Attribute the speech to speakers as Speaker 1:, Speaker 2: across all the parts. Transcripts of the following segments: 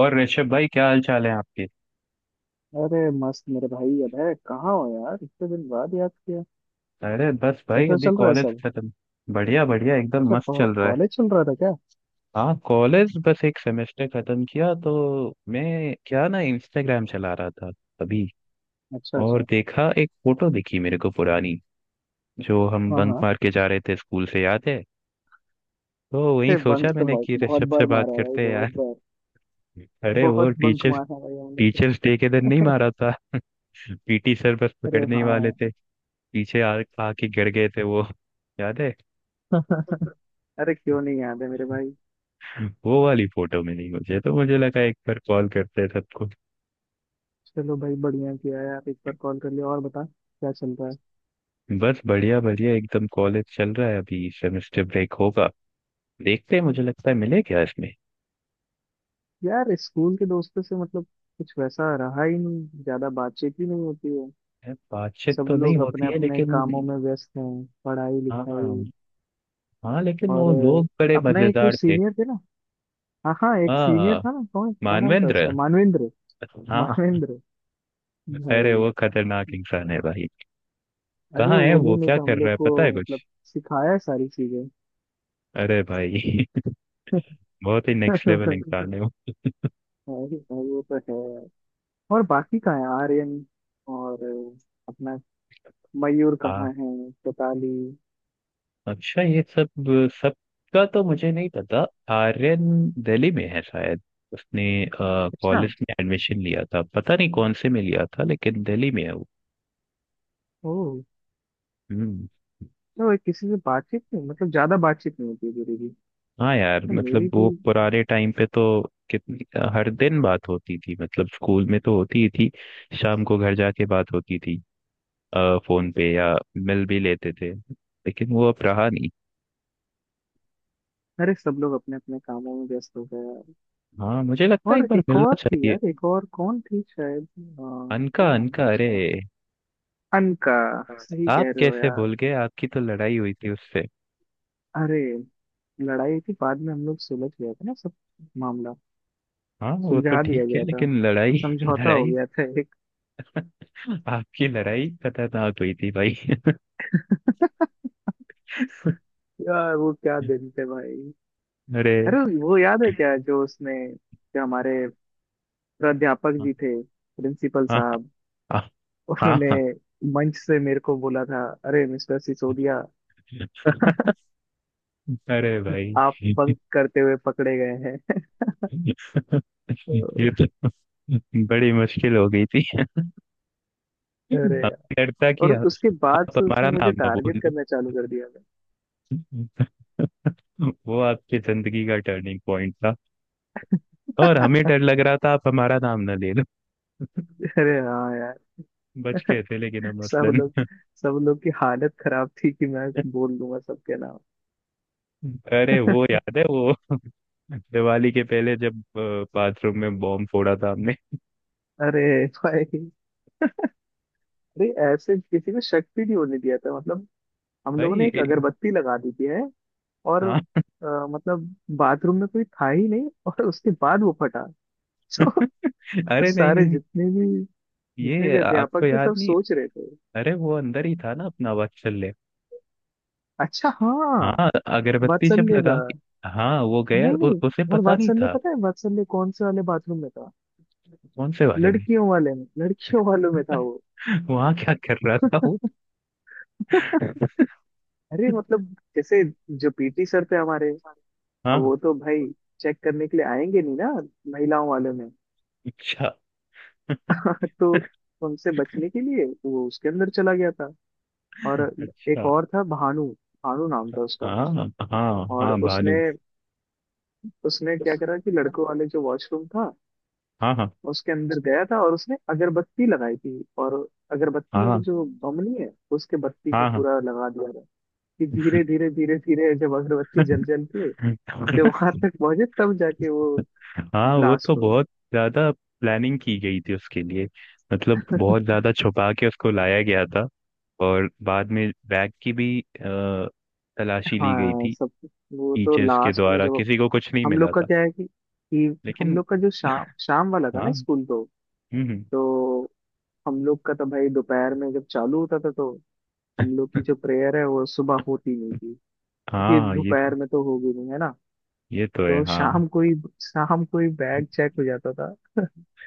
Speaker 1: और ऋषभ भाई क्या हाल चाल है आपके।
Speaker 2: अरे मस्त मेरे भाई। अब है कहाँ हो यार, इतने दिन बाद याद किया।
Speaker 1: अरे बस भाई
Speaker 2: कैसा
Speaker 1: अभी
Speaker 2: चल रहा है
Speaker 1: कॉलेज
Speaker 2: सब?
Speaker 1: खत्म। बढ़िया बढ़िया एकदम
Speaker 2: अच्छा
Speaker 1: मस्त चल रहा है।
Speaker 2: कॉलेज चल रहा था क्या?
Speaker 1: हाँ कॉलेज बस एक सेमेस्टर खत्म किया तो मैं क्या ना इंस्टाग्राम चला रहा था अभी।
Speaker 2: अच्छा
Speaker 1: और
Speaker 2: अच्छा।
Speaker 1: देखा एक फोटो दिखी मेरे को पुरानी, जो हम
Speaker 2: हाँ
Speaker 1: बंक
Speaker 2: हाँ।
Speaker 1: मार के जा रहे थे स्कूल से, याद है? तो वही
Speaker 2: अरे
Speaker 1: सोचा
Speaker 2: बंक तो
Speaker 1: मैंने
Speaker 2: बहुत
Speaker 1: कि
Speaker 2: बहुत
Speaker 1: ऋषभ से
Speaker 2: बार
Speaker 1: बात
Speaker 2: मारा है भाई,
Speaker 1: करते हैं
Speaker 2: बहुत
Speaker 1: यार।
Speaker 2: बार।
Speaker 1: अरे वो
Speaker 2: बहुत बंक
Speaker 1: टीचर्स
Speaker 2: मारा है भाई हमने तो।
Speaker 1: टीचर्स डे के दिन नहीं मारा था? पीटी सर बस
Speaker 2: अरे
Speaker 1: पकड़ने ही वाले
Speaker 2: हाँ।
Speaker 1: थे, पीछे आ आके गिर गए थे वो, याद है?
Speaker 2: अरे क्यों नहीं याद है मेरे भाई।
Speaker 1: वो वाली फोटो मिली मुझे तो मुझे लगा एक बार कॉल करते हैं सबको।
Speaker 2: चलो भाई बढ़िया किया यार, एक बार कॉल कर लिया। और बता क्या चल रहा है?
Speaker 1: बस बढ़िया बढ़िया एकदम, कॉलेज चल रहा है, अभी सेमेस्टर ब्रेक होगा। देखते हैं, मुझे लगता है मिले क्या इसमें।
Speaker 2: यार स्कूल के दोस्तों से मतलब कुछ वैसा रहा ही नहीं, ज्यादा बातचीत ही नहीं होती है।
Speaker 1: है, बातचीत
Speaker 2: सब
Speaker 1: तो नहीं
Speaker 2: लोग
Speaker 1: होती
Speaker 2: अपने
Speaker 1: है
Speaker 2: अपने
Speaker 1: लेकिन।
Speaker 2: कामों में व्यस्त हैं, पढ़ाई
Speaker 1: हाँ
Speaker 2: लिखाई।
Speaker 1: हाँ, लेकिन
Speaker 2: और
Speaker 1: वो लोग बड़े
Speaker 2: अपना एक वो
Speaker 1: मजेदार थे।
Speaker 2: सीनियर थे ना। हाँ हाँ, एक सीनियर
Speaker 1: हाँ,
Speaker 2: था ना, कौन क्या नाम था
Speaker 1: मानवेंद्र।
Speaker 2: उसका, मानवेंद्र।
Speaker 1: हाँ,
Speaker 2: मानवेंद्र
Speaker 1: अरे
Speaker 2: भाई।
Speaker 1: वो खतरनाक इंसान है भाई।
Speaker 2: अरे
Speaker 1: कहाँ है
Speaker 2: वो
Speaker 1: वो,
Speaker 2: दिन
Speaker 1: क्या
Speaker 2: तो हम
Speaker 1: कर रहा
Speaker 2: लोग
Speaker 1: है,
Speaker 2: को
Speaker 1: पता है कुछ?
Speaker 2: मतलब सिखाया है सारी चीजें।
Speaker 1: अरे भाई बहुत ही नेक्स्ट लेवल इंसान है वो।
Speaker 2: भाई भाई वो तो है। और बाकी कहाँ है आर्यन? और अपना मयूर
Speaker 1: हाँ,
Speaker 2: कहाँ है, कताली?
Speaker 1: अच्छा ये सब, सबका तो मुझे नहीं पता। आर्यन दिल्ली में है शायद। उसने
Speaker 2: अच्छा।
Speaker 1: कॉलेज में एडमिशन लिया था, पता नहीं कौन से में लिया था, लेकिन दिल्ली में है वो।
Speaker 2: ओ।
Speaker 1: हम्म।
Speaker 2: तो किसी से बातचीत नहीं मतलब ज्यादा बातचीत नहीं होती है मेरी भी।
Speaker 1: हाँ यार,
Speaker 2: तो
Speaker 1: मतलब
Speaker 2: मेरी भी।
Speaker 1: वो पुराने टाइम पे तो कितनी हर दिन बात होती थी, मतलब स्कूल में तो होती ही थी, शाम को घर जाके बात होती थी। फोन पे या मिल भी लेते थे, लेकिन वो अब रहा नहीं।
Speaker 2: अरे सब लोग अपने अपने कामों में व्यस्त हो गए।
Speaker 1: हाँ मुझे लगता है एक
Speaker 2: और
Speaker 1: बार
Speaker 2: एक और
Speaker 1: मिलना
Speaker 2: थी यार,
Speaker 1: चाहिए।
Speaker 2: एक और कौन थी, शायद
Speaker 1: अनका
Speaker 2: क्या नाम
Speaker 1: अनका,
Speaker 2: था
Speaker 1: अरे
Speaker 2: उसका, अनका। सही
Speaker 1: आप
Speaker 2: कह रहे हो
Speaker 1: कैसे
Speaker 2: यार।
Speaker 1: भूल गए, आपकी तो लड़ाई हुई थी उससे।
Speaker 2: अरे लड़ाई थी, बाद में हम लोग सुलझ गया था ना सब। मामला
Speaker 1: हाँ वो तो
Speaker 2: सुलझा
Speaker 1: ठीक
Speaker 2: दिया
Speaker 1: है,
Speaker 2: गया था।
Speaker 1: लेकिन लड़ाई
Speaker 2: समझौता हो
Speaker 1: लड़ाई,
Speaker 2: गया था एक।
Speaker 1: आपकी लड़ाई खतरनाक हुई थी भाई
Speaker 2: यार वो क्या दिन थे भाई।
Speaker 1: अरे
Speaker 2: अरे वो याद है क्या जो उसने, जो हमारे प्राध्यापक
Speaker 1: हाँ।
Speaker 2: जी थे, प्रिंसिपल
Speaker 1: हाँ
Speaker 2: साहब,
Speaker 1: हाँ।
Speaker 2: उन्होंने
Speaker 1: हाँ,
Speaker 2: मंच से मेरे को बोला था, अरे मिस्टर सिसोदिया,
Speaker 1: अरे भाई
Speaker 2: आप बंक करते हुए पकड़े गए हैं।
Speaker 1: ये तो बड़ी मुश्किल हो गई थी हमें,
Speaker 2: अरे यार।
Speaker 1: डरता कि
Speaker 2: और
Speaker 1: आप,
Speaker 2: उसके बाद
Speaker 1: आप
Speaker 2: से
Speaker 1: हमारा
Speaker 2: उसने मुझे
Speaker 1: नाम ना
Speaker 2: टारगेट
Speaker 1: बोल दो।
Speaker 2: करना चालू कर दिया था।
Speaker 1: वो आपकी जिंदगी का टर्निंग पॉइंट था। और हमें डर लग रहा था आप हमारा नाम ना ले लो।
Speaker 2: अरे हाँ यार,
Speaker 1: बच गए थे लेकिन हम
Speaker 2: सब
Speaker 1: मसलन।
Speaker 2: लोग सब लोग की हालत खराब थी कि मैं बोल दूंगा सबके नाम।
Speaker 1: अरे वो याद है, वो दिवाली के पहले जब बाथरूम में बॉम्ब फोड़ा था हमने।
Speaker 2: अरे भाई। अरे ऐसे किसी को शक भी नहीं होने दिया था मतलब, हम लोगों ने
Speaker 1: भाई
Speaker 2: एक
Speaker 1: ए-
Speaker 2: अगरबत्ती लगा दी थी है। और
Speaker 1: हाँ।
Speaker 2: मतलब बाथरूम में कोई था ही नहीं और उसके बाद वो फटा। तो
Speaker 1: अरे नहीं नहीं
Speaker 2: सारे
Speaker 1: नहीं,
Speaker 2: जितने भी
Speaker 1: ये आपको
Speaker 2: अध्यापक थे सब
Speaker 1: याद नहीं?
Speaker 2: सोच रहे थे।
Speaker 1: अरे वो अंदर ही था ना अपना वात्सल्य।
Speaker 2: अच्छा हाँ।
Speaker 1: हाँ, अगरबत्ती जब
Speaker 2: वात्सल्य दा।
Speaker 1: लगा के, हाँ वो गया,
Speaker 2: नहीं नहीं।
Speaker 1: उसे
Speaker 2: और
Speaker 1: पता नहीं
Speaker 2: वात्सल ने
Speaker 1: था।
Speaker 2: पता है वात्सल ने कौन से वाले बाथरूम में था?
Speaker 1: कौन से बारे में?
Speaker 2: लड़कियों वाले में, लड़कियों वालों में था वो।
Speaker 1: वहाँ क्या कर रहा था वो।
Speaker 2: अरे मतलब जैसे जो पीटी सर थे हमारे, अब
Speaker 1: हाँ।
Speaker 2: वो तो भाई चेक करने के लिए आएंगे नहीं ना, महिलाओं वाले में।
Speaker 1: अच्छा
Speaker 2: तो उनसे बचने के लिए वो उसके अंदर चला गया था। और एक
Speaker 1: अच्छा।
Speaker 2: और था भानु, भानु नाम था उसका।
Speaker 1: हाँ हाँ। हाँ
Speaker 2: और
Speaker 1: हाँ, भानु।
Speaker 2: उसने उसने क्या करा कि लड़कों वाले जो वॉशरूम था
Speaker 1: हाँ हाँ।
Speaker 2: उसके अंदर गया था, और उसने अगरबत्ती लगाई थी, और अगरबत्ती और
Speaker 1: हाँ
Speaker 2: जो बम नहीं है उसके बत्ती को
Speaker 1: हाँ।
Speaker 2: पूरा लगा दिया था कि धीरे धीरे धीरे धीरे जब अगरबत्ती जल जल के
Speaker 1: हाँ
Speaker 2: जब वहां तक पहुंचे तब जाके वो
Speaker 1: हाँ वो तो
Speaker 2: ब्लास्ट हुए।
Speaker 1: बहुत ज्यादा प्लानिंग की गई थी उसके लिए, मतलब बहुत ज्यादा छुपा के उसको लाया गया था। और बाद में बैग की भी तलाशी ली गई
Speaker 2: हाँ
Speaker 1: थी
Speaker 2: सब। वो तो
Speaker 1: टीचर्स के
Speaker 2: लास्ट में
Speaker 1: द्वारा,
Speaker 2: जब,
Speaker 1: किसी को कुछ नहीं
Speaker 2: हम लोग
Speaker 1: मिला
Speaker 2: का
Speaker 1: था
Speaker 2: क्या है कि हम
Speaker 1: लेकिन।
Speaker 2: लोग का जो शाम शाम वाला था
Speaker 1: हाँ।
Speaker 2: ना
Speaker 1: हम्म।
Speaker 2: स्कूल,
Speaker 1: हम्म।
Speaker 2: तो हम लोग का तो भाई दोपहर में जब चालू होता था तो हम लोग की जो प्रेयर है वो सुबह होती नहीं थी। क्योंकि
Speaker 1: हाँ ये तो,
Speaker 2: दोपहर में तो होगी नहीं है ना।
Speaker 1: ये तो है
Speaker 2: तो
Speaker 1: हाँ।
Speaker 2: शाम को ही, शाम को ही बैग चेक हो जाता था।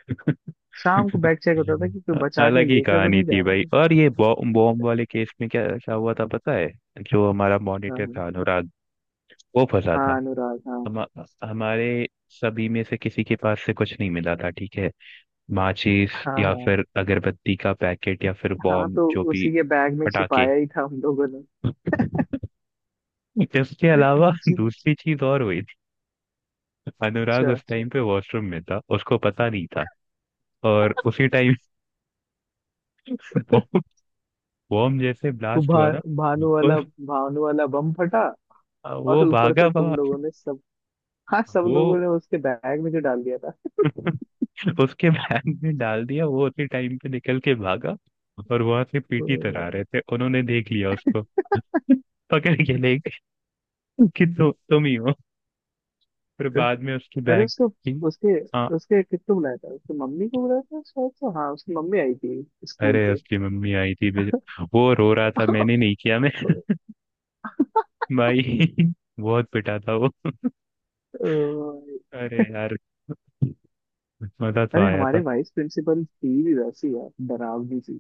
Speaker 2: शाम को बैग चेक होता था कि कोई बचा के
Speaker 1: अलग ही
Speaker 2: लेकर तो
Speaker 1: कहानी
Speaker 2: नहीं
Speaker 1: थी
Speaker 2: जा रहा
Speaker 1: भाई।
Speaker 2: है।
Speaker 1: और ये बॉम्ब बॉम्ब वाले केस में क्या क्या हुआ था पता है? जो हमारा
Speaker 2: हाँ
Speaker 1: मॉनिटर
Speaker 2: हाँ।
Speaker 1: था अनुराग, वो फंसा था।
Speaker 2: हाँ, अनुराग, हाँ
Speaker 1: हम हमारे सभी में से किसी के पास से कुछ नहीं मिला था, ठीक है, माचिस
Speaker 2: हाँ
Speaker 1: या
Speaker 2: हाँ
Speaker 1: फिर अगरबत्ती का पैकेट या फिर
Speaker 2: हाँ।
Speaker 1: बॉम्ब
Speaker 2: तो
Speaker 1: जो भी,
Speaker 2: उसी के बैग में
Speaker 1: पटाखे,
Speaker 2: छिपाया ही था हम लोगों ने।
Speaker 1: इसके अलावा
Speaker 2: जी।
Speaker 1: दूसरी चीज और हुई थी। अनुराग
Speaker 2: अच्छा।
Speaker 1: उस टाइम पे वॉशरूम में था, उसको पता नहीं था। और उसी टाइम बॉम्ब बॉम्ब जैसे
Speaker 2: वो
Speaker 1: ब्लास्ट हुआ ना,
Speaker 2: भानु वाला,
Speaker 1: उस,
Speaker 2: भानु वाला बम फटा। और
Speaker 1: वो
Speaker 2: ऊपर
Speaker 1: भागा
Speaker 2: से तुम
Speaker 1: बाहर।
Speaker 2: लोगों ने सब, हाँ सब
Speaker 1: वो
Speaker 2: लोगों ने उसके बैग में जो डाल दिया था।
Speaker 1: उसके बैग में डाल दिया, वो उसी टाइम पे निकल के भागा। और वहां से
Speaker 2: ओ
Speaker 1: पीटी तरह
Speaker 2: भाई।
Speaker 1: रहे थे, उन्होंने देख लिया उसको पकड़ के ले गए कि तुम ही हो। फिर बाद में उसकी
Speaker 2: अरे
Speaker 1: बैग
Speaker 2: उसको,
Speaker 1: की,
Speaker 2: उसके,
Speaker 1: हाँ।
Speaker 2: उसके किसको बुलाया था, उसकी मम्मी को बुलाया था शायद से, हाँ उसकी मम्मी आई थी स्कूल
Speaker 1: अरे
Speaker 2: पे।
Speaker 1: उसकी मम्मी आई थी बेचारी। वो रो रहा था मैंने नहीं किया मैं भाई बहुत पिटा था वो,
Speaker 2: अ,
Speaker 1: अरे यार, मजा तो
Speaker 2: अरे
Speaker 1: आया
Speaker 2: हमारे
Speaker 1: था।
Speaker 2: वाइस प्रिंसिपल थी भी वैसी है डरावनी सी।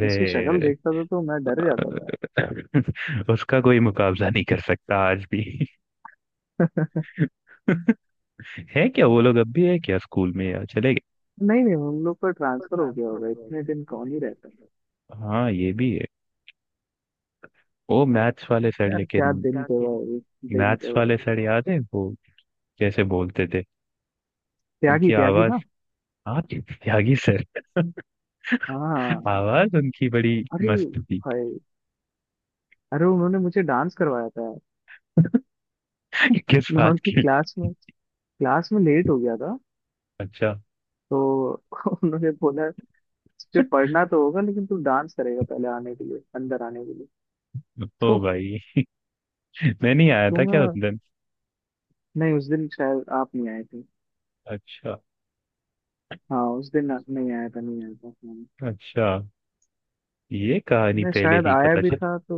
Speaker 2: मैं उसकी शक्ल देखता था तो मैं डर जाता था।
Speaker 1: उसका कोई मुकाबला नहीं कर सकता आज भी है क्या वो लोग अब भी है क्या स्कूल में या चले गए?
Speaker 2: नहीं नहीं, हम लोग का ट्रांसफर हो गया होगा, इतने दिन कौन ही रहता है।
Speaker 1: हाँ ये भी है। वो मैथ्स वाले सर
Speaker 2: यार
Speaker 1: लेकिन,
Speaker 2: क्या दिन थे भाई, दिन
Speaker 1: मैथ्स
Speaker 2: थे
Speaker 1: वाले
Speaker 2: भाई।
Speaker 1: सर याद है वो कैसे बोलते थे?
Speaker 2: त्यागी
Speaker 1: उनकी
Speaker 2: त्यागी
Speaker 1: आवाज,
Speaker 2: ना।
Speaker 1: हाँ त्यागी सर
Speaker 2: हाँ।
Speaker 1: आवाज उनकी बड़ी
Speaker 2: अरे
Speaker 1: मस्त थी।
Speaker 2: भाई। अरे उन्होंने मुझे डांस करवाया था।
Speaker 1: किस
Speaker 2: मैं
Speaker 1: बात
Speaker 2: उनकी
Speaker 1: की?
Speaker 2: क्लास में लेट हो गया था,
Speaker 1: अच्छा।
Speaker 2: तो उन्होंने बोला, तुझे पढ़ना तो होगा लेकिन तू डांस करेगा पहले, आने के लिए, अंदर आने के लिए। तो
Speaker 1: ओ भाई, मैं नहीं आया
Speaker 2: तो
Speaker 1: था क्या उस दिन?
Speaker 2: नहीं उस दिन शायद आप नहीं आए थे।
Speaker 1: अच्छा।
Speaker 2: हाँ उस दिन आप नहीं आया था, नहीं आया था हाँ।
Speaker 1: अच्छा, ये कहानी
Speaker 2: मैं
Speaker 1: पहले
Speaker 2: शायद
Speaker 1: नहीं
Speaker 2: आया
Speaker 1: पता
Speaker 2: भी
Speaker 1: चली।
Speaker 2: था तो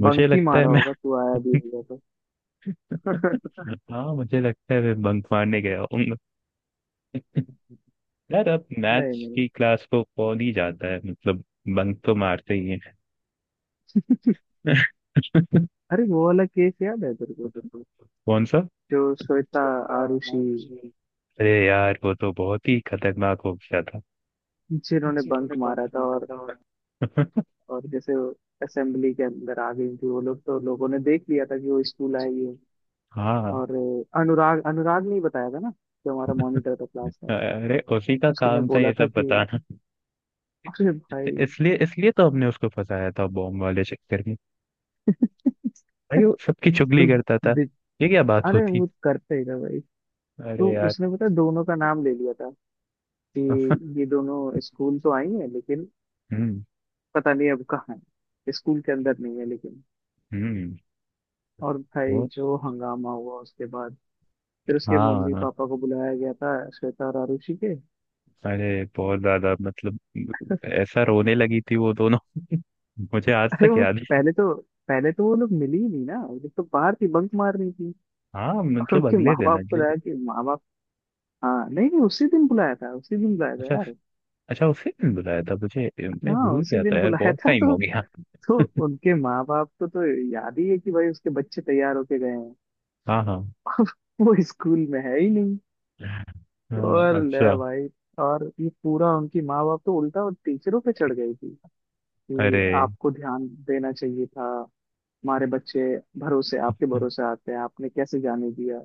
Speaker 1: मुझे
Speaker 2: बंक ही
Speaker 1: लगता है,
Speaker 2: मारा होगा, तू आया भी होगा तो।
Speaker 1: हाँ मुझे लगता है मैं बंक मारने गया हूँ। यार अब
Speaker 2: नहीं
Speaker 1: मैथ्स
Speaker 2: नहीं।
Speaker 1: की क्लास को कौन ही जाता है, मतलब बंक तो मारते ही हैं।
Speaker 2: अरे वो वाला केस याद है तेरे को,
Speaker 1: कौन सा?
Speaker 2: जो श्वेता, आरुषि
Speaker 1: अरे यार वो तो बहुत ही खतरनाक हो गया था।
Speaker 2: जिन्होंने बंक मारा था, और जैसे असेंबली के अंदर आ गई थी वो लोग, तो लोगों ने देख लिया था कि वो स्कूल आई है।
Speaker 1: हाँ,
Speaker 2: और अनुराग, अनुराग ने ही बताया था ना, जो हमारा मॉनिटर था क्लास का।
Speaker 1: अरे उसी का
Speaker 2: उसने
Speaker 1: काम था
Speaker 2: बोला
Speaker 1: ये
Speaker 2: था
Speaker 1: सब
Speaker 2: कि
Speaker 1: बताना,
Speaker 2: अरे भाई
Speaker 1: इसलिए इसलिए तो हमने उसको फंसाया था बॉम्ब वाले चक्कर में। भाई वो सबकी चुगली
Speaker 2: तो
Speaker 1: करता था।
Speaker 2: बि-
Speaker 1: ये क्या बात
Speaker 2: अरे
Speaker 1: होती?
Speaker 2: वो करते ही था भाई।
Speaker 1: अरे
Speaker 2: तो
Speaker 1: यार
Speaker 2: उसने पता है दोनों का नाम ले लिया था, कि ये दोनों स्कूल तो आई है लेकिन
Speaker 1: हम्म।
Speaker 2: पता नहीं अब कहाँ है, स्कूल के अंदर नहीं है लेकिन।
Speaker 1: हम्म।
Speaker 2: और भाई
Speaker 1: वो
Speaker 2: जो हंगामा हुआ उसके बाद, फिर उसके
Speaker 1: हाँ
Speaker 2: मम्मी
Speaker 1: हाँ।
Speaker 2: पापा को बुलाया गया था श्वेता और आरुषि के।
Speaker 1: अरे बहुत ज्यादा मतलब, ऐसा रोने लगी थी वो दोनों मुझे आज
Speaker 2: अरे
Speaker 1: तक
Speaker 2: वो
Speaker 1: याद है।
Speaker 2: पहले तो पहले तो वो लोग मिली ही नहीं ना, वो लोग तो बाहर थी बंक मार रही थी।
Speaker 1: हाँ
Speaker 2: और
Speaker 1: मतलब
Speaker 2: उनके
Speaker 1: अगले
Speaker 2: माँ
Speaker 1: दिन
Speaker 2: बाप को
Speaker 1: अगले
Speaker 2: लाया
Speaker 1: दिन
Speaker 2: कि माँ बाप, हाँ नहीं नहीं, उसी दिन बुलाया था, उसी दिन बुलाया था
Speaker 1: अच्छा।
Speaker 2: यार।
Speaker 1: अच्छा उसी दिन बुलाया था मुझे, मैं
Speaker 2: हाँ
Speaker 1: भूल
Speaker 2: उसी
Speaker 1: गया
Speaker 2: दिन
Speaker 1: था यार,
Speaker 2: बुलाया
Speaker 1: बहुत
Speaker 2: था,
Speaker 1: टाइम हो गया।
Speaker 2: तो उनके माँ बाप को तो याद ही है कि भाई उसके बच्चे तैयार होके गए हैं,
Speaker 1: हाँ हाँ।
Speaker 2: वो स्कूल में है ही नहीं।
Speaker 1: हाँ।
Speaker 2: और ले
Speaker 1: अच्छा।
Speaker 2: भाई। और ये पूरा उनकी माँ बाप तो उल्टा और टीचरों पे चढ़ गई थी कि
Speaker 1: अरे।
Speaker 2: आपको ध्यान देना चाहिए था, हमारे बच्चे भरोसे, आपके भरोसे आते हैं, आपने कैसे जाने दिया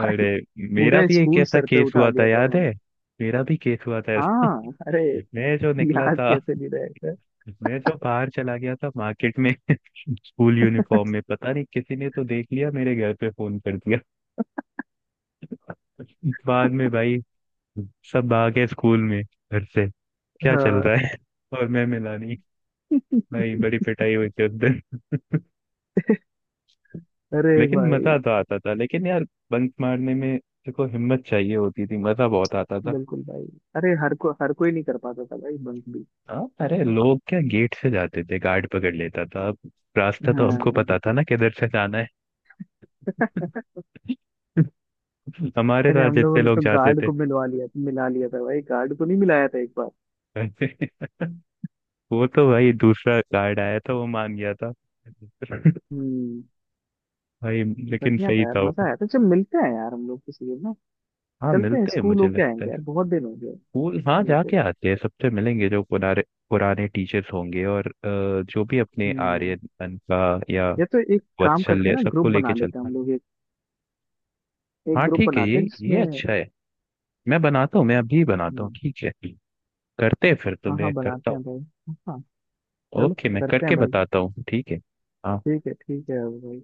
Speaker 1: अरे मेरा
Speaker 2: पूरा
Speaker 1: भी एक
Speaker 2: स्कूल
Speaker 1: ऐसा
Speaker 2: सर पे
Speaker 1: केस
Speaker 2: उठा
Speaker 1: हुआ था,
Speaker 2: दिया था
Speaker 1: याद है?
Speaker 2: उन्होंने।
Speaker 1: मेरा भी केस हुआ था ऐसा।
Speaker 2: हाँ अरे।
Speaker 1: मैं जो निकला
Speaker 2: याद
Speaker 1: था,
Speaker 2: कैसे नहीं रहेगा।
Speaker 1: मैं जो बाहर चला गया था मार्केट में स्कूल यूनिफॉर्म में, पता नहीं किसी ने तो देख लिया, मेरे घर पे फोन कर दिया। बाद में भाई सब आ गए स्कूल में घर से, क्या चल
Speaker 2: हाँ।
Speaker 1: रहा है और मैं मिला नहीं। भाई बड़ी पिटाई हुई थी उस दिन
Speaker 2: अरे
Speaker 1: लेकिन
Speaker 2: भाई।
Speaker 1: मजा तो आता था लेकिन यार बंक मारने में। देखो हिम्मत चाहिए होती थी, मजा बहुत आता था।
Speaker 2: बिल्कुल भाई। अरे हर कोई नहीं कर पाता था भाई, बंक भी।
Speaker 1: हाँ अरे लोग क्या गेट से जाते थे, गार्ड पकड़ लेता था, अब रास्ता तो हमको
Speaker 2: हाँ।
Speaker 1: पता था ना किधर से जाना है। हमारे
Speaker 2: अरे
Speaker 1: साथ
Speaker 2: हम लोगों
Speaker 1: जितने
Speaker 2: ने
Speaker 1: लोग
Speaker 2: तो
Speaker 1: जाते
Speaker 2: गार्ड
Speaker 1: थे।
Speaker 2: को मिलवा लिया मिला लिया था भाई, गार्ड को नहीं मिलाया था एक बार।
Speaker 1: वो तो भाई दूसरा गार्ड आया था वो मान गया था
Speaker 2: हम्म।
Speaker 1: भाई लेकिन
Speaker 2: बढ़िया
Speaker 1: सही
Speaker 2: था यार
Speaker 1: था।
Speaker 2: मजा आया था। चल मिलते हैं यार हम लोग किसी दिन ना,
Speaker 1: हाँ
Speaker 2: चलते हैं
Speaker 1: मिलते हैं,
Speaker 2: स्कूल
Speaker 1: मुझे
Speaker 2: होके
Speaker 1: लगता
Speaker 2: आएंगे
Speaker 1: है।
Speaker 2: यार, बहुत दिन हो गए।
Speaker 1: स्कूल, हाँ
Speaker 2: मिलते
Speaker 1: जाके
Speaker 2: हुए।
Speaker 1: आते हैं, सबसे मिलेंगे जो पुराने, पुराने टीचर्स होंगे। और जो भी, अपने
Speaker 2: हम्म।
Speaker 1: आर्यन का या
Speaker 2: या तो एक काम करते हैं
Speaker 1: वात्सल्य,
Speaker 2: ना,
Speaker 1: सबको
Speaker 2: ग्रुप
Speaker 1: लेके
Speaker 2: बना लेते हैं
Speaker 1: चलते हैं।
Speaker 2: हम लोग एक, एक
Speaker 1: हाँ
Speaker 2: ग्रुप
Speaker 1: ठीक है,
Speaker 2: बनाते हैं
Speaker 1: ये
Speaker 2: जिसमें।
Speaker 1: अच्छा है। मैं बनाता हूँ, मैं अभी बनाता हूँ
Speaker 2: हम्म।
Speaker 1: ठीक है? करते हैं फिर, तो
Speaker 2: हाँ हाँ,
Speaker 1: मैं करता
Speaker 2: बनाते
Speaker 1: हूँ।
Speaker 2: हैं भाई। हाँ। चलो।
Speaker 1: ओके, मैं
Speaker 2: करते हैं
Speaker 1: करके
Speaker 2: भाई।
Speaker 1: बताता हूँ ठीक है। हाँ।
Speaker 2: ठीक है भाई।